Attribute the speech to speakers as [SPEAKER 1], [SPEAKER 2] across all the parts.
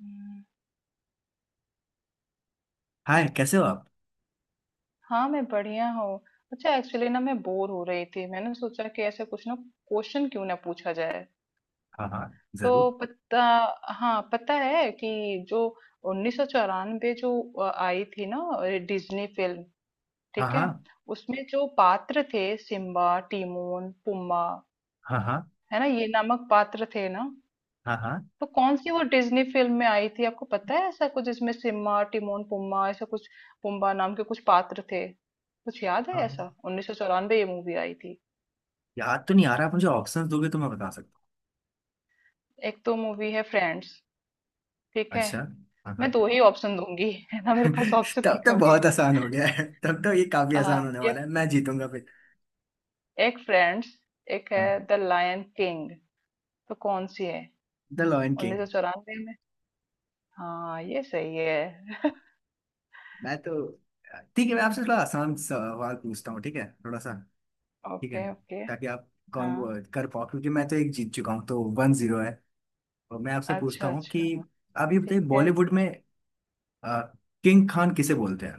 [SPEAKER 1] हम्म,
[SPEAKER 2] hi, कैसे हो आप?
[SPEAKER 1] हाँ मैं बढ़िया हूँ। अच्छा एक्चुअली ना मैं बोर हो रही थी, मैंने सोचा कि ऐसे कुछ ना क्वेश्चन क्यों ना पूछा जाए।
[SPEAKER 2] हाँ हाँ,
[SPEAKER 1] तो
[SPEAKER 2] जरूर।
[SPEAKER 1] पता हाँ पता है कि जो 1994 जो आई थी ना डिज्नी फिल्म,
[SPEAKER 2] हाँ
[SPEAKER 1] ठीक है।
[SPEAKER 2] हाँ।
[SPEAKER 1] उसमें जो पात्र थे सिम्बा, टीमोन, पुम्बा,
[SPEAKER 2] हाँ हाँ।
[SPEAKER 1] है ना, ये नामक पात्र थे ना।
[SPEAKER 2] हाँ हाँ।
[SPEAKER 1] तो कौन सी वो डिज्नी फिल्म में आई थी आपको पता है, ऐसा कुछ जिसमें सिम्बा टिमोन पुम्बा ऐसा कुछ पुम्बा नाम के कुछ पात्र थे कुछ याद है ऐसा?
[SPEAKER 2] हाँ,
[SPEAKER 1] उन्नीस सौ चौरानवे ये मूवी आई थी।
[SPEAKER 2] याद तो नहीं आ रहा। आप मुझे ऑप्शंस दोगे तो मैं बता सकता
[SPEAKER 1] एक तो मूवी है फ्रेंड्स, ठीक
[SPEAKER 2] हूँ।
[SPEAKER 1] है।
[SPEAKER 2] अच्छा। हाँ
[SPEAKER 1] मैं
[SPEAKER 2] हाँ।
[SPEAKER 1] दो ही ऑप्शन दूंगी है ना, मेरे पास ऑप्शन की
[SPEAKER 2] तब तो
[SPEAKER 1] कमी
[SPEAKER 2] बहुत
[SPEAKER 1] है।
[SPEAKER 2] आसान हो गया है, तब तो ये काफी
[SPEAKER 1] आ,
[SPEAKER 2] आसान होने
[SPEAKER 1] ये
[SPEAKER 2] वाला है, मैं जीतूंगा फिर।
[SPEAKER 1] एक फ्रेंड्स, एक है
[SPEAKER 2] हाँ,
[SPEAKER 1] द लायन किंग। तो कौन सी है?
[SPEAKER 2] द लॉयन
[SPEAKER 1] उन्नीस
[SPEAKER 2] किंग।
[SPEAKER 1] सौ चौरानवे में। हाँ ये सही है।
[SPEAKER 2] मैं तो ठीक है, मैं आपसे थोड़ा आसान सवाल पूछता हूँ, ठीक है, थोड़ा सा। ठीक है,
[SPEAKER 1] ओके ओके।
[SPEAKER 2] ताकि आप कौन वो
[SPEAKER 1] हाँ
[SPEAKER 2] कर पाओ, क्योंकि मैं तो एक जीत चुका हूँ, तो 1-0 है। और मैं आपसे पूछता
[SPEAKER 1] अच्छा
[SPEAKER 2] हूँ कि
[SPEAKER 1] अच्छा।
[SPEAKER 2] आप ये बताइए,
[SPEAKER 1] ठीक है।
[SPEAKER 2] बॉलीवुड में किंग खान किसे बोलते हैं?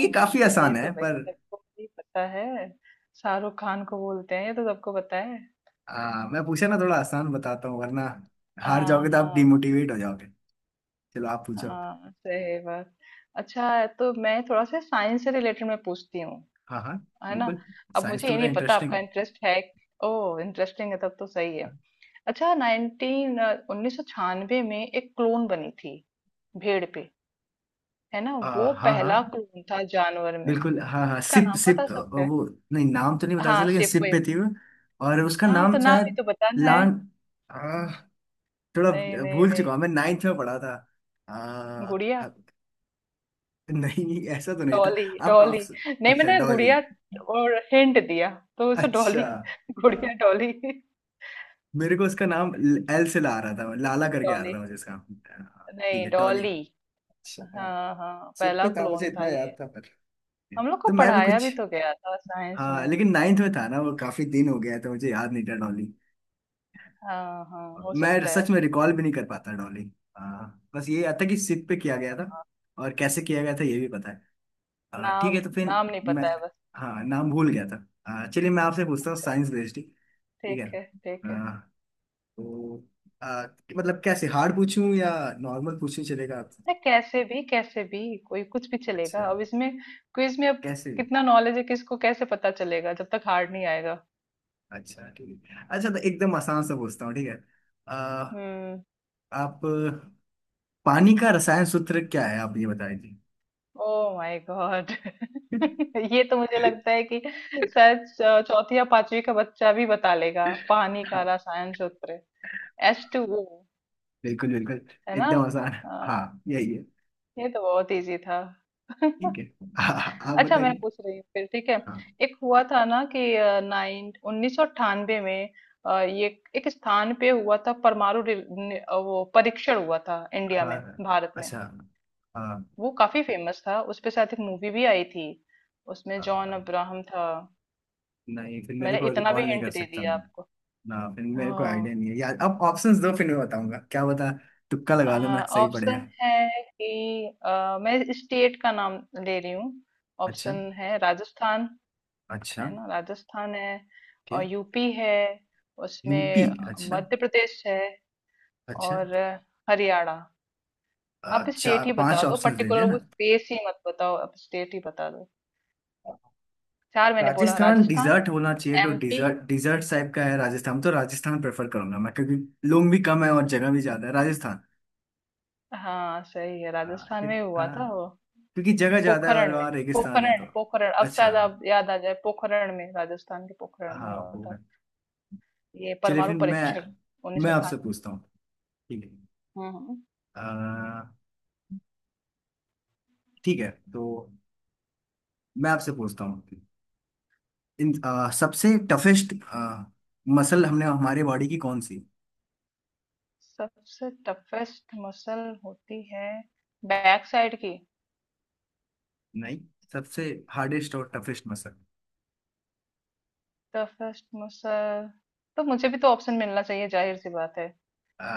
[SPEAKER 2] ये काफी
[SPEAKER 1] ये
[SPEAKER 2] आसान
[SPEAKER 1] तो
[SPEAKER 2] है
[SPEAKER 1] भाई
[SPEAKER 2] पर
[SPEAKER 1] सबको ही पता है, शाहरुख खान को बोलते हैं ये तो सबको पता है।
[SPEAKER 2] मैं पूछा ना, थोड़ा आसान बताता हूँ, वरना हार
[SPEAKER 1] हाँ
[SPEAKER 2] जाओगे तो आप
[SPEAKER 1] हाँ।
[SPEAKER 2] डिमोटिवेट हो जाओगे। चलो, आप पूछो।
[SPEAKER 1] हाँ सही बात। अच्छा तो मैं थोड़ा सा साइंस से रिलेटेड मैं पूछती हूँ,
[SPEAKER 2] हाँ हाँ।
[SPEAKER 1] है ना।
[SPEAKER 2] बिल्कुल।
[SPEAKER 1] अब
[SPEAKER 2] साइंस
[SPEAKER 1] मुझे
[SPEAKER 2] तो
[SPEAKER 1] ये
[SPEAKER 2] बड़ा
[SPEAKER 1] नहीं पता आपका
[SPEAKER 2] इंटरेस्टिंग
[SPEAKER 1] इंटरेस्ट है। ओ इंटरेस्टिंग है तब तो सही है।
[SPEAKER 2] है।
[SPEAKER 1] अच्छा नाइनटीन उन्नीस सौ छियानवे में एक क्लोन बनी थी भेड़ पे, है ना, वो
[SPEAKER 2] हाँ
[SPEAKER 1] पहला
[SPEAKER 2] हाँ।
[SPEAKER 1] क्लोन था जानवर में।
[SPEAKER 2] बिल्कुल। हाँ हाँ।
[SPEAKER 1] उसका
[SPEAKER 2] सिप
[SPEAKER 1] नाम बता
[SPEAKER 2] सिप
[SPEAKER 1] सकते हैं?
[SPEAKER 2] वो। नहीं, नाम तो नहीं बता
[SPEAKER 1] हाँ
[SPEAKER 2] सकते, लेकिन
[SPEAKER 1] शिप।
[SPEAKER 2] सिप पे थी वो। और उसका
[SPEAKER 1] हाँ तो
[SPEAKER 2] नाम
[SPEAKER 1] नाम भी
[SPEAKER 2] शायद
[SPEAKER 1] तो बताना है।
[SPEAKER 2] लान। आ, थोड़ा
[SPEAKER 1] नहीं नहीं
[SPEAKER 2] भूल
[SPEAKER 1] नहीं।
[SPEAKER 2] चुका हूँ, मैं नाइन्थ में पढ़ा था। आ,
[SPEAKER 1] गुड़िया।
[SPEAKER 2] अब- नहीं, ऐसा तो नहीं था।
[SPEAKER 1] डॉली
[SPEAKER 2] आप।
[SPEAKER 1] डॉली नहीं
[SPEAKER 2] अच्छा,
[SPEAKER 1] मैंने
[SPEAKER 2] डॉली।
[SPEAKER 1] गुड़िया और हिंट दिया तो उसे
[SPEAKER 2] अच्छा,
[SPEAKER 1] डॉली। गुड़िया डॉली।
[SPEAKER 2] मेरे को उसका नाम एल से ला रहा था, लाला करके आ
[SPEAKER 1] डॉली,
[SPEAKER 2] रहा था मुझे इसका। हाँ, ठीक
[SPEAKER 1] नहीं
[SPEAKER 2] है, टॉली।
[SPEAKER 1] डॉली।
[SPEAKER 2] अच्छा, हाँ।
[SPEAKER 1] हाँ हाँ
[SPEAKER 2] सिर
[SPEAKER 1] पहला
[SPEAKER 2] पे था, मुझे
[SPEAKER 1] क्लोन था
[SPEAKER 2] इतना याद
[SPEAKER 1] ये।
[SPEAKER 2] था पर।
[SPEAKER 1] हम लोग को
[SPEAKER 2] तो मैं भी
[SPEAKER 1] पढ़ाया
[SPEAKER 2] कुछ।
[SPEAKER 1] भी तो गया था साइंस
[SPEAKER 2] हाँ,
[SPEAKER 1] में।
[SPEAKER 2] लेकिन नाइन्थ में था ना वो, काफी दिन हो गया है, तो मुझे याद नहीं था डॉली।
[SPEAKER 1] हाँ हाँ हो
[SPEAKER 2] मैं
[SPEAKER 1] सकता है।
[SPEAKER 2] सच में रिकॉल भी नहीं कर पाता डॉली। हाँ, बस ये याद था कि सिप पे किया गया
[SPEAKER 1] हाँ,
[SPEAKER 2] था।
[SPEAKER 1] हाँ,
[SPEAKER 2] और कैसे किया गया था ये भी पता है। हाँ, ठीक
[SPEAKER 1] नाम
[SPEAKER 2] है, तो फिर
[SPEAKER 1] नाम नहीं
[SPEAKER 2] मैं,
[SPEAKER 1] पता है बस।
[SPEAKER 2] हाँ, नाम
[SPEAKER 1] हाँ।
[SPEAKER 2] भूल गया था। हाँ, चलिए, मैं आपसे पूछता हूँ
[SPEAKER 1] चल,
[SPEAKER 2] साइंस बेस्ड ही, ठीक है।
[SPEAKER 1] ठीक है ठीक है।
[SPEAKER 2] तो आ, मतलब कैसे हार्ड पूछूं या नॉर्मल पूछूं, चलेगा आप?
[SPEAKER 1] नहीं कैसे भी कैसे भी, कोई कुछ भी चलेगा
[SPEAKER 2] अच्छा,
[SPEAKER 1] अब इसमें, क्विज में अब
[SPEAKER 2] कैसे?
[SPEAKER 1] कितना नॉलेज है किसको कैसे पता चलेगा जब तक हार्ड नहीं आएगा।
[SPEAKER 2] अच्छा ठीक है। अच्छा, तो एकदम आसान सा पूछता हूँ, ठीक है। आ,
[SPEAKER 1] हम्म।
[SPEAKER 2] आप पानी का रसायन सूत्र क्या है, आप ये बताइए?
[SPEAKER 1] Oh my God. ये तो मुझे लगता है कि शायद चौथी या पांचवी का बच्चा भी बता लेगा पानी का
[SPEAKER 2] हाँ,
[SPEAKER 1] रसायन सूत्र। एच टू ओ,
[SPEAKER 2] बिल्कुल बिल्कुल,
[SPEAKER 1] है ना।
[SPEAKER 2] एकदम आसान। हाँ,
[SPEAKER 1] हाँ,
[SPEAKER 2] यही है।
[SPEAKER 1] ये तो बहुत इजी था।
[SPEAKER 2] ठीक है। हाँ, आप
[SPEAKER 1] अच्छा मैं
[SPEAKER 2] बताइए।
[SPEAKER 1] पूछ रही हूँ फिर, ठीक है।
[SPEAKER 2] हाँ
[SPEAKER 1] एक हुआ था ना कि नाइन उन्नीस सौ अट्ठानबे में ये एक स्थान पे हुआ था परमाणु वो परीक्षण हुआ था इंडिया
[SPEAKER 2] हाँ।
[SPEAKER 1] में,
[SPEAKER 2] हाँ,
[SPEAKER 1] भारत में।
[SPEAKER 2] अच्छा। हाँ
[SPEAKER 1] वो काफी फेमस था उस पे शायद एक मूवी भी आई थी, उसमें
[SPEAKER 2] हाँ।
[SPEAKER 1] जॉन
[SPEAKER 2] हाँ।
[SPEAKER 1] अब्राहम था।
[SPEAKER 2] नहीं, फिर मेरे
[SPEAKER 1] मैंने
[SPEAKER 2] को
[SPEAKER 1] इतना भी
[SPEAKER 2] रिकॉल नहीं कर
[SPEAKER 1] हिंट दे
[SPEAKER 2] सकता।
[SPEAKER 1] दिया आपको।
[SPEAKER 2] ना, फिर मेरे को
[SPEAKER 1] हाँ।
[SPEAKER 2] आइडिया नहीं है यार। अब ऑप्शंस दो फिर मैं बताऊंगा, क्या बता। तुक्का लगा दो, मैं सही पड़
[SPEAKER 1] ऑप्शन
[SPEAKER 2] जाए।
[SPEAKER 1] है कि मैं स्टेट का नाम ले रही हूँ।
[SPEAKER 2] अच्छा
[SPEAKER 1] ऑप्शन है राजस्थान,
[SPEAKER 2] अच्छा।
[SPEAKER 1] है ना राजस्थान है,
[SPEAKER 2] ओके।
[SPEAKER 1] और यूपी है
[SPEAKER 2] यूपी
[SPEAKER 1] उसमें,
[SPEAKER 2] अच्छा।
[SPEAKER 1] मध्य प्रदेश है,
[SPEAKER 2] अच्छा।
[SPEAKER 1] और हरियाणा। आप
[SPEAKER 2] चार
[SPEAKER 1] स्टेट ही बता
[SPEAKER 2] पांच
[SPEAKER 1] दो
[SPEAKER 2] ऑप्शंस दे
[SPEAKER 1] पर्टिकुलर
[SPEAKER 2] दिया ना।
[SPEAKER 1] वो स्पेस ही मत बताओ, आप स्टेट ही बता दो। चार मैंने बोला
[SPEAKER 2] राजस्थान
[SPEAKER 1] राजस्थान,
[SPEAKER 2] डिजर्ट होना चाहिए, तो
[SPEAKER 1] एमपी।
[SPEAKER 2] डिजर्ट डिजर्ट टाइप का है राजस्थान, तो राजस्थान प्रेफर करूंगा मैं, क्योंकि लोग भी कम है और जगह भी ज्यादा है राजस्थान।
[SPEAKER 1] हाँ सही है,
[SPEAKER 2] हाँ
[SPEAKER 1] राजस्थान में ही हुआ
[SPEAKER 2] हाँ,
[SPEAKER 1] था वो।
[SPEAKER 2] क्योंकि जगह ज्यादा है और
[SPEAKER 1] पोखरण में,
[SPEAKER 2] वहाँ रेगिस्तान है,
[SPEAKER 1] पोखरण
[SPEAKER 2] तो।
[SPEAKER 1] पोखरण अब
[SPEAKER 2] अच्छा।
[SPEAKER 1] शायद आप याद आ जाए, पोखरण में, राजस्थान के पोखरण में
[SPEAKER 2] हाँ,
[SPEAKER 1] हुआ
[SPEAKER 2] वो
[SPEAKER 1] था
[SPEAKER 2] ना।
[SPEAKER 1] ये
[SPEAKER 2] चलिए,
[SPEAKER 1] परमाणु
[SPEAKER 2] फिर
[SPEAKER 1] परीक्षण उन्नीस
[SPEAKER 2] मैं
[SPEAKER 1] सौ
[SPEAKER 2] आपसे
[SPEAKER 1] अठानवे।
[SPEAKER 2] पूछता हूँ, ठीक
[SPEAKER 1] हम्म।
[SPEAKER 2] है। ठीक है, तो मैं आपसे पूछता हूँ इन सबसे टफेस्ट मसल, हमने हमारे बॉडी की कौन सी।
[SPEAKER 1] सबसे टफेस्ट मसल होती है बैक साइड की।
[SPEAKER 2] नहीं, सबसे हार्डेस्ट और टफेस्ट मसल।
[SPEAKER 1] टफेस्ट मसल, तो मुझे भी तो ऑप्शन मिलना चाहिए जाहिर सी बात है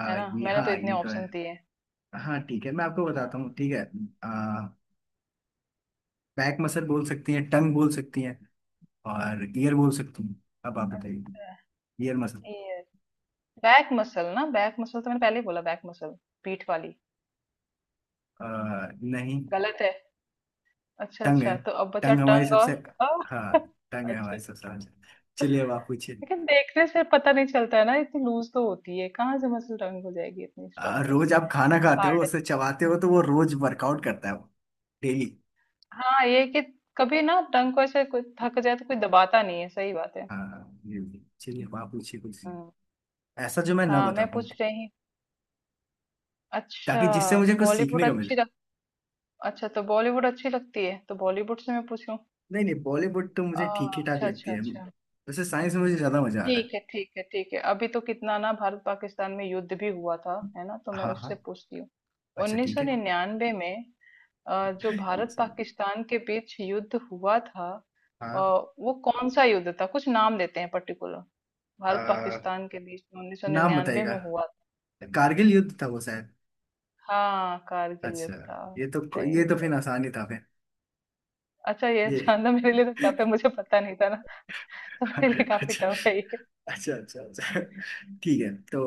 [SPEAKER 1] है ना,
[SPEAKER 2] ये
[SPEAKER 1] मैंने तो
[SPEAKER 2] हाँ,
[SPEAKER 1] इतने
[SPEAKER 2] ये तो है।
[SPEAKER 1] ऑप्शन दिए।
[SPEAKER 2] हाँ, ठीक है, मैं आपको बताता
[SPEAKER 1] हाँ
[SPEAKER 2] हूँ, ठीक है। बैक मसल बोल सकती हैं, टंग बोल सकती हैं, और ईयर बोल सकती हैं। अब आप बताइए।
[SPEAKER 1] अच्छा।
[SPEAKER 2] Ear muscle.
[SPEAKER 1] ये बैक मसल ना, बैक मसल तो मैंने पहले ही बोला, बैक मसल, पीठ वाली।
[SPEAKER 2] आ, नहीं,
[SPEAKER 1] गलत है। अच्छा
[SPEAKER 2] टंग
[SPEAKER 1] अच्छा
[SPEAKER 2] है।
[SPEAKER 1] तो अब बचा
[SPEAKER 2] टंग हमारी
[SPEAKER 1] टंग और।
[SPEAKER 2] सबसे। हाँ,
[SPEAKER 1] अ,
[SPEAKER 2] टंग है
[SPEAKER 1] अच्छा
[SPEAKER 2] हमारी सबसे। चलिए, अब आप पूछिए।
[SPEAKER 1] लेकिन देखने से पता नहीं चलता है ना, इतनी लूज तो होती है कहाँ से मसल टंग हो जाएगी इतनी स्ट्रांगेस्ट
[SPEAKER 2] रोज आप खाना खाते हो,
[SPEAKER 1] हार्ड।
[SPEAKER 2] उसे चबाते हो, तो वो रोज वर्कआउट करता है, वो डेली।
[SPEAKER 1] हाँ ये कि कभी ना टंग को ऐसे कोई थक जाए तो कोई दबाता नहीं है, सही बात है।
[SPEAKER 2] हाँ, ये भी। चलिए, अब आप पूछिए कुछ
[SPEAKER 1] हाँ
[SPEAKER 2] ऐसा जो मैं ना
[SPEAKER 1] हाँ
[SPEAKER 2] बता
[SPEAKER 1] मैं
[SPEAKER 2] पाऊँ,
[SPEAKER 1] पूछ रही। अच्छा,
[SPEAKER 2] ताकि जिससे मुझे कुछ
[SPEAKER 1] बॉलीवुड
[SPEAKER 2] सीखने को मिले।
[SPEAKER 1] अच्छी लग, अच्छा तो बॉलीवुड अच्छी लगती है तो बॉलीवुड से मैं पूछूं?
[SPEAKER 2] नहीं नहीं, बॉलीवुड तो
[SPEAKER 1] आ,
[SPEAKER 2] मुझे ठीक ही ठाक
[SPEAKER 1] अच्छा
[SPEAKER 2] लगती
[SPEAKER 1] अच्छा
[SPEAKER 2] है,
[SPEAKER 1] अच्छा,
[SPEAKER 2] वैसे साइंस में मुझे ज्यादा मजा आ रहा है।
[SPEAKER 1] ठीक है ठीक है ठीक है। अभी तो कितना ना भारत पाकिस्तान में युद्ध भी हुआ था, है ना, तो मैं
[SPEAKER 2] हाँ
[SPEAKER 1] उससे
[SPEAKER 2] हाँ।
[SPEAKER 1] पूछती हूँ।
[SPEAKER 2] अच्छा ठीक है।
[SPEAKER 1] 1999 में जो भारत पाकिस्तान के बीच युद्ध हुआ था अ,
[SPEAKER 2] हाँ।
[SPEAKER 1] वो कौन सा युद्ध था, कुछ नाम देते हैं पर्टिकुलर, भारत
[SPEAKER 2] आ,
[SPEAKER 1] पाकिस्तान के बीच में
[SPEAKER 2] नाम
[SPEAKER 1] 1999
[SPEAKER 2] बताइएगा?
[SPEAKER 1] में हुआ था।
[SPEAKER 2] कारगिल युद्ध था वो शायद।
[SPEAKER 1] हाँ कारगिल
[SPEAKER 2] अच्छा,
[SPEAKER 1] युद्ध था।
[SPEAKER 2] ये
[SPEAKER 1] सही
[SPEAKER 2] तो
[SPEAKER 1] सही।
[SPEAKER 2] फिर आसान ही था फिर।
[SPEAKER 1] अच्छा ये
[SPEAKER 2] ये
[SPEAKER 1] जानना मेरे लिए तो टफ है, मुझे पता नहीं था ना, तो मेरे लिए काफी
[SPEAKER 2] अच्छा
[SPEAKER 1] टफ है ये।
[SPEAKER 2] अच्छा अच्छा। अच्छा ठीक है, तो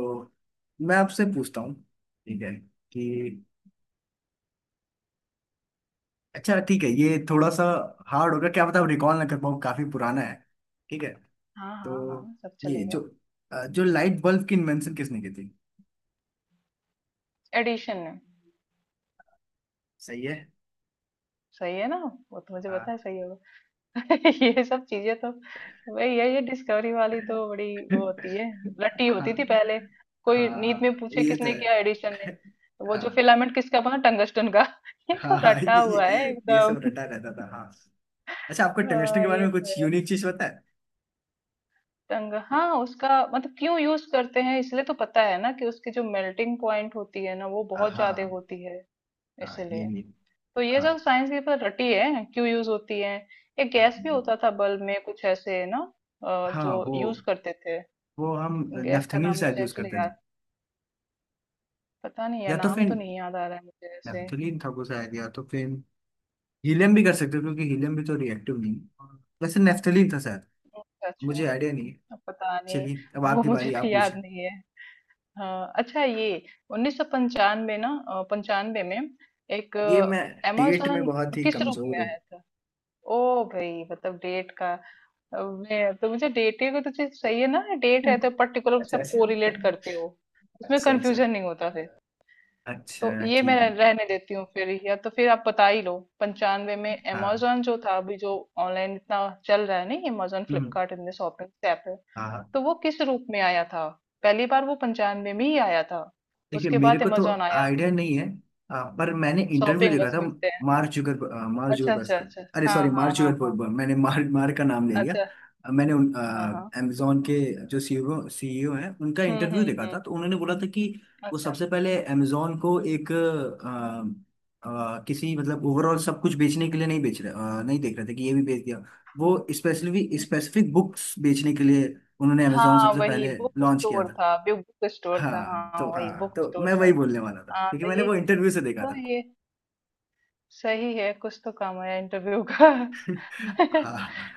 [SPEAKER 2] मैं आपसे पूछता हूँ, ठीक है, कि अच्छा ठीक है, ये थोड़ा सा हार्ड होगा, क्या पता आप रिकॉल ना कर पाऊँ, काफी पुराना है। ठीक है।
[SPEAKER 1] हाँ हाँ हाँ
[SPEAKER 2] तो
[SPEAKER 1] सब
[SPEAKER 2] ये जो
[SPEAKER 1] चलेगा।
[SPEAKER 2] जो लाइट बल्ब की इन्वेंशन किसने की थी?
[SPEAKER 1] एडिशन में।
[SPEAKER 2] सही है।
[SPEAKER 1] सही है ना, वो तो मुझे पता है
[SPEAKER 2] हाँ।
[SPEAKER 1] सही होगा। ये सब चीजें तो भाई, ये डिस्कवरी वाली तो बड़ी वो होती है, रट्टी
[SPEAKER 2] हाँ
[SPEAKER 1] होती थी पहले। कोई नींद में
[SPEAKER 2] हाँ,
[SPEAKER 1] पूछे
[SPEAKER 2] ये तो
[SPEAKER 1] किसने किया, एडिशन ने,
[SPEAKER 2] है।
[SPEAKER 1] तो वो जो
[SPEAKER 2] हाँ।
[SPEAKER 1] फिलामेंट किसका बना, टंगस्टन का। ये
[SPEAKER 2] हाँ
[SPEAKER 1] तो
[SPEAKER 2] हाँ,
[SPEAKER 1] रटा
[SPEAKER 2] ये
[SPEAKER 1] हुआ है
[SPEAKER 2] ये ये
[SPEAKER 1] एकदम।
[SPEAKER 2] सब रटा रहता था, हाँ। अच्छा, आपको टंगस्टन के
[SPEAKER 1] हाँ,
[SPEAKER 2] बारे
[SPEAKER 1] ये
[SPEAKER 2] में
[SPEAKER 1] तो
[SPEAKER 2] कुछ
[SPEAKER 1] है।
[SPEAKER 2] यूनिक चीज पता है?
[SPEAKER 1] टंग हाँ, उसका मतलब क्यों यूज करते हैं इसलिए तो पता है ना, कि उसकी जो मेल्टिंग पॉइंट होती है ना वो बहुत ज्यादा
[SPEAKER 2] हाँ।
[SPEAKER 1] होती है,
[SPEAKER 2] हाँ, ये
[SPEAKER 1] इसलिए।
[SPEAKER 2] भी।
[SPEAKER 1] तो ये
[SPEAKER 2] हाँ।
[SPEAKER 1] सब साइंस की पर रटी है क्यों यूज होती है। एक गैस भी
[SPEAKER 2] हाँ,
[SPEAKER 1] होता था बल्ब में कुछ ऐसे ना, जो
[SPEAKER 2] वो
[SPEAKER 1] यूज करते थे।
[SPEAKER 2] वो हम
[SPEAKER 1] गैस का
[SPEAKER 2] नेफ्थेनिल
[SPEAKER 1] नाम
[SPEAKER 2] शायद
[SPEAKER 1] मुझे
[SPEAKER 2] यूज
[SPEAKER 1] एक्चुअली
[SPEAKER 2] करते थे।
[SPEAKER 1] याद पता नहीं है,
[SPEAKER 2] या तो
[SPEAKER 1] नाम
[SPEAKER 2] फिर
[SPEAKER 1] तो नहीं याद आ रहा है मुझे ऐसे।
[SPEAKER 2] नेफ्थलीन था वो शायद, या तो फिर हीलियम भी कर सकते थे, क्योंकि हीलियम भी तो रिएक्टिव नहीं है। वैसे नेफ्थलीन था शायद।
[SPEAKER 1] अच्छा अच्छा।
[SPEAKER 2] मुझे आइडिया नहीं है।
[SPEAKER 1] अब पता नहीं,
[SPEAKER 2] चलिए, अब
[SPEAKER 1] वो
[SPEAKER 2] आपकी
[SPEAKER 1] मुझे
[SPEAKER 2] बारी, आप
[SPEAKER 1] भी याद
[SPEAKER 2] पूछे।
[SPEAKER 1] नहीं है। हाँ अच्छा ये उन्नीस सौ पंचानवे ना, पंचानवे में एक
[SPEAKER 2] ये मैं डेट में
[SPEAKER 1] अमेजोन
[SPEAKER 2] बहुत ही
[SPEAKER 1] किस रूप
[SPEAKER 2] कमजोर
[SPEAKER 1] में
[SPEAKER 2] हूँ।
[SPEAKER 1] आया था? ओ भाई मतलब डेट का, मैं तो, मुझे डेटिंग तो चीज सही है ना, डेट है तो पर्टिकुलर उससे
[SPEAKER 2] अच्छा
[SPEAKER 1] आप
[SPEAKER 2] अच्छा
[SPEAKER 1] कोरिलेट करते हो, उसमें
[SPEAKER 2] अच्छा। अच्छा।
[SPEAKER 1] कंफ्यूजन नहीं होता फिर। तो
[SPEAKER 2] अच्छा
[SPEAKER 1] ये मैं
[SPEAKER 2] ठीक है।
[SPEAKER 1] रहने देती हूँ फिर, या तो फिर आप बता ही लो। पंचानवे में
[SPEAKER 2] हाँ।
[SPEAKER 1] Amazon जो था अभी जो ऑनलाइन इतना चल रहा है, नहीं Amazon
[SPEAKER 2] हम्म,
[SPEAKER 1] फ्लिपकार्ट इनमें शॉपिंग ऐप है,
[SPEAKER 2] हाँ
[SPEAKER 1] तो
[SPEAKER 2] हाँ।
[SPEAKER 1] वो किस रूप में आया था पहली बार, वो पंचानवे में ही आया था,
[SPEAKER 2] देखिए,
[SPEAKER 1] उसके
[SPEAKER 2] मेरे
[SPEAKER 1] बाद
[SPEAKER 2] को तो
[SPEAKER 1] Amazon आया।
[SPEAKER 2] आइडिया नहीं है। पर मैंने इंटरव्यू
[SPEAKER 1] शॉपिंग
[SPEAKER 2] देखा
[SPEAKER 1] बस
[SPEAKER 2] था
[SPEAKER 1] करते हैं।
[SPEAKER 2] मार्क जुगर, मार्क
[SPEAKER 1] अच्छा
[SPEAKER 2] जुगरबर्ग
[SPEAKER 1] अच्छा
[SPEAKER 2] का।
[SPEAKER 1] अच्छा।
[SPEAKER 2] अरे
[SPEAKER 1] हाँ
[SPEAKER 2] सॉरी,
[SPEAKER 1] हाँ
[SPEAKER 2] मार्क
[SPEAKER 1] हाँ हाँ,
[SPEAKER 2] जुगरबर्ग मैंने मार्क मार्क का नाम ले लिया।
[SPEAKER 1] अच्छा।
[SPEAKER 2] मैंने उन
[SPEAKER 1] हाँ हाँ।
[SPEAKER 2] अमेजोन के जो सीईओ सीईओ हैं उनका इंटरव्यू देखा था, तो
[SPEAKER 1] हम्म,
[SPEAKER 2] उन्होंने बोला था कि वो
[SPEAKER 1] अच्छा।
[SPEAKER 2] सबसे पहले अमेजोन को एक आ, आ, किसी मतलब ओवरऑल सब कुछ बेचने के लिए नहीं बेच रहे, नहीं देख रहे थे कि ये भी बेच दिया। वो स्पेसिफिक स्पेसिफिक बुक्स बेचने के लिए उन्होंने अमेजोन
[SPEAKER 1] हाँ
[SPEAKER 2] सबसे
[SPEAKER 1] वही
[SPEAKER 2] पहले
[SPEAKER 1] बुक
[SPEAKER 2] लॉन्च किया
[SPEAKER 1] स्टोर
[SPEAKER 2] था।
[SPEAKER 1] था, बिग बुक स्टोर था,
[SPEAKER 2] हाँ,
[SPEAKER 1] हाँ
[SPEAKER 2] तो
[SPEAKER 1] वही
[SPEAKER 2] हाँ,
[SPEAKER 1] बुक
[SPEAKER 2] तो
[SPEAKER 1] स्टोर
[SPEAKER 2] मैं वही
[SPEAKER 1] था।
[SPEAKER 2] बोलने वाला था
[SPEAKER 1] हाँ
[SPEAKER 2] क्योंकि
[SPEAKER 1] तो
[SPEAKER 2] मैंने
[SPEAKER 1] ये,
[SPEAKER 2] वो इंटरव्यू से देखा
[SPEAKER 1] तो
[SPEAKER 2] था।
[SPEAKER 1] ये सही है, कुछ तो काम आया इंटरव्यू का।
[SPEAKER 2] हाँ।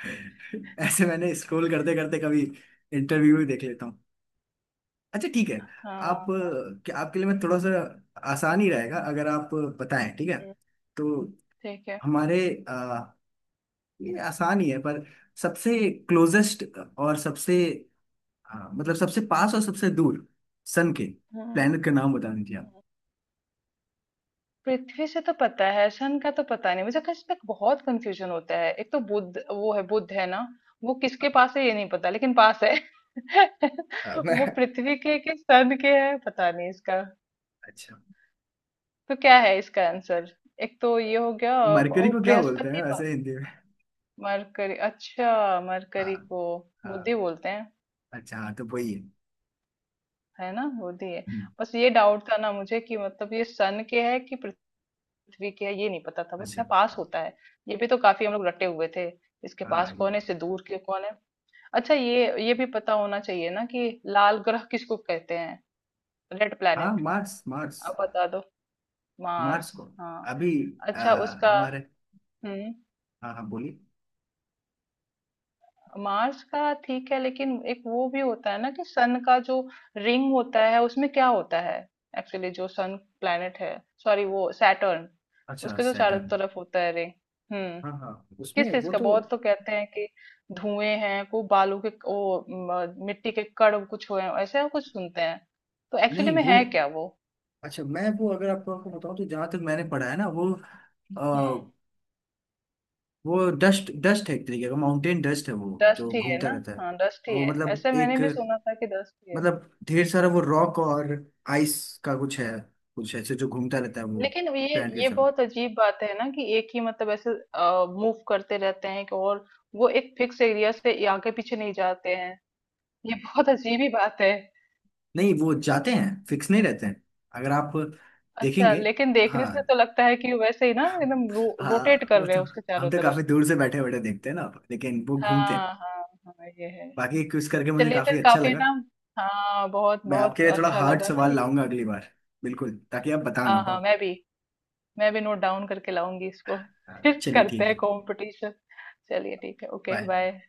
[SPEAKER 2] ऐसे मैंने स्क्रॉल करते करते कभी इंटरव्यू भी देख लेता हूँ। अच्छा ठीक है। आप,
[SPEAKER 1] हाँ।
[SPEAKER 2] क्या आपके लिए मैं थोड़ा सा आसान ही रहेगा अगर आप बताएं, ठीक है?
[SPEAKER 1] हम्म,
[SPEAKER 2] तो
[SPEAKER 1] ठीक है।
[SPEAKER 2] हमारे अ, ये आसान ही है पर सबसे क्लोजेस्ट और सबसे मतलब सबसे पास और सबसे दूर सन के
[SPEAKER 1] हम्म। हम्म।
[SPEAKER 2] प्लेनेट का नाम बता दीजिए आप।
[SPEAKER 1] पृथ्वी से तो पता है, सन का तो पता नहीं मुझे, किस पे बहुत कंफ्यूजन होता है, एक तो बुध वो है, बुध है ना, वो किसके पास है ये नहीं पता लेकिन पास है।
[SPEAKER 2] मैं।
[SPEAKER 1] वो पृथ्वी के सन के है पता नहीं इसका।
[SPEAKER 2] अच्छा,
[SPEAKER 1] तो क्या है इसका आंसर? एक तो ये हो गया
[SPEAKER 2] मरकरी
[SPEAKER 1] और
[SPEAKER 2] को क्या बोलते हैं
[SPEAKER 1] बृहस्पति।
[SPEAKER 2] वैसे हिंदी?
[SPEAKER 1] मरकरी, अच्छा मरकरी
[SPEAKER 2] हाँ
[SPEAKER 1] को बुद्धि
[SPEAKER 2] हाँ।
[SPEAKER 1] बोलते हैं,
[SPEAKER 2] अच्छा, हाँ तो वही है।
[SPEAKER 1] है ना बुद्धि है।
[SPEAKER 2] हम्म,
[SPEAKER 1] बस ये डाउट था ना मुझे कि मतलब ये सन के है कि पृथ्वी के है, ये नहीं पता था, बस
[SPEAKER 2] अच्छा।
[SPEAKER 1] यहाँ पास होता है। ये भी तो काफी हम लोग रटे हुए थे, इसके पास
[SPEAKER 2] हाँ,
[SPEAKER 1] कौन है,
[SPEAKER 2] ये।
[SPEAKER 1] इससे दूर के कौन है। अच्छा, ये भी पता होना चाहिए ना कि लाल ग्रह किसको कहते हैं, रेड
[SPEAKER 2] हाँ,
[SPEAKER 1] प्लेनेट।
[SPEAKER 2] Mars Mars.
[SPEAKER 1] आप बता दो।
[SPEAKER 2] Mars
[SPEAKER 1] Mars.
[SPEAKER 2] को
[SPEAKER 1] हाँ।
[SPEAKER 2] अभी अ,
[SPEAKER 1] अच्छा उसका।
[SPEAKER 2] हमारे।
[SPEAKER 1] हम्म।
[SPEAKER 2] हाँ हाँ, बोलिए।
[SPEAKER 1] मार्स का ठीक है, लेकिन एक वो भी होता है ना कि सन का जो रिंग होता है उसमें क्या होता है? एक्चुअली जो सन प्लेनेट है, सॉरी वो सैटर्न,
[SPEAKER 2] अच्छा,
[SPEAKER 1] उसके जो चारों
[SPEAKER 2] सैटर्न।
[SPEAKER 1] तरफ होता है रिंग। हम्म।
[SPEAKER 2] हाँ हाँ। उसमें
[SPEAKER 1] किस चीज
[SPEAKER 2] वो
[SPEAKER 1] का,
[SPEAKER 2] तो
[SPEAKER 1] बहुत तो कहते हैं कि धुएं हैं को बालू के, वो मिट्टी के कण कुछ हुए हैं, ऐसे कुछ सुनते हैं, तो एक्चुअली
[SPEAKER 2] नहीं,
[SPEAKER 1] में
[SPEAKER 2] वो।
[SPEAKER 1] है क्या वो?
[SPEAKER 2] अच्छा, मैं वो अगर आपको आपको बताऊं तो, जहाँ तक मैंने पढ़ा है ना वो,
[SPEAKER 1] हम्म।
[SPEAKER 2] अ, वो डस्ट डस्ट है, एक तरीके का माउंटेन डस्ट है, वो जो
[SPEAKER 1] डस्ट ही है
[SPEAKER 2] घूमता
[SPEAKER 1] ना,
[SPEAKER 2] रहता है।
[SPEAKER 1] हाँ डस्ट ही
[SPEAKER 2] वो
[SPEAKER 1] है,
[SPEAKER 2] मतलब
[SPEAKER 1] ऐसे मैंने
[SPEAKER 2] एक,
[SPEAKER 1] भी सुना था कि डस्ट ही है।
[SPEAKER 2] मतलब ढेर सारा वो रॉक और आइस का कुछ है, कुछ ऐसे जो घूमता रहता है वो
[SPEAKER 1] लेकिन अब ये
[SPEAKER 2] प्लैनेट के
[SPEAKER 1] ये
[SPEAKER 2] साथ।
[SPEAKER 1] बहुत अजीब बात है ना कि एक ही मतलब ऐसे मूव करते रहते हैं कि, और वो एक फिक्स एरिया से ये आगे पीछे नहीं जाते हैं, ये बहुत अजीब ही बात है।
[SPEAKER 2] नहीं, वो जाते हैं, फिक्स नहीं रहते हैं। अगर आप
[SPEAKER 1] अच्छा
[SPEAKER 2] देखेंगे।
[SPEAKER 1] लेकिन देखने
[SPEAKER 2] हाँ
[SPEAKER 1] से तो लगता है कि वैसे ही ना एकदम रोटेट
[SPEAKER 2] हाँ,
[SPEAKER 1] कर
[SPEAKER 2] वो
[SPEAKER 1] रहे
[SPEAKER 2] तो
[SPEAKER 1] हैं उसके
[SPEAKER 2] हम
[SPEAKER 1] चारों
[SPEAKER 2] तो
[SPEAKER 1] तरफ।
[SPEAKER 2] काफी दूर से बैठे बैठे देखते हैं ना, लेकिन वो घूमते
[SPEAKER 1] हाँ
[SPEAKER 2] हैं।
[SPEAKER 1] हाँ। हाँ ये है।
[SPEAKER 2] बाकी क्विज करके मुझे
[SPEAKER 1] चलिए फिर
[SPEAKER 2] काफी अच्छा
[SPEAKER 1] काफी ना,
[SPEAKER 2] लगा।
[SPEAKER 1] हाँ बहुत
[SPEAKER 2] मैं आपके
[SPEAKER 1] बहुत
[SPEAKER 2] लिए थोड़ा
[SPEAKER 1] अच्छा
[SPEAKER 2] हार्ड
[SPEAKER 1] लगा ना
[SPEAKER 2] सवाल
[SPEAKER 1] ये।
[SPEAKER 2] लाऊंगा अगली बार, बिल्कुल, ताकि आप बता ना
[SPEAKER 1] हाँ हाँ
[SPEAKER 2] पाओ।
[SPEAKER 1] मैं भी, मैं भी नोट डाउन करके लाऊंगी इसको।
[SPEAKER 2] हाँ,
[SPEAKER 1] फिर
[SPEAKER 2] चलिए
[SPEAKER 1] करते
[SPEAKER 2] ठीक
[SPEAKER 1] हैं
[SPEAKER 2] है।
[SPEAKER 1] कंपटीशन। चलिए ठीक है ओके
[SPEAKER 2] बाय।
[SPEAKER 1] बाय।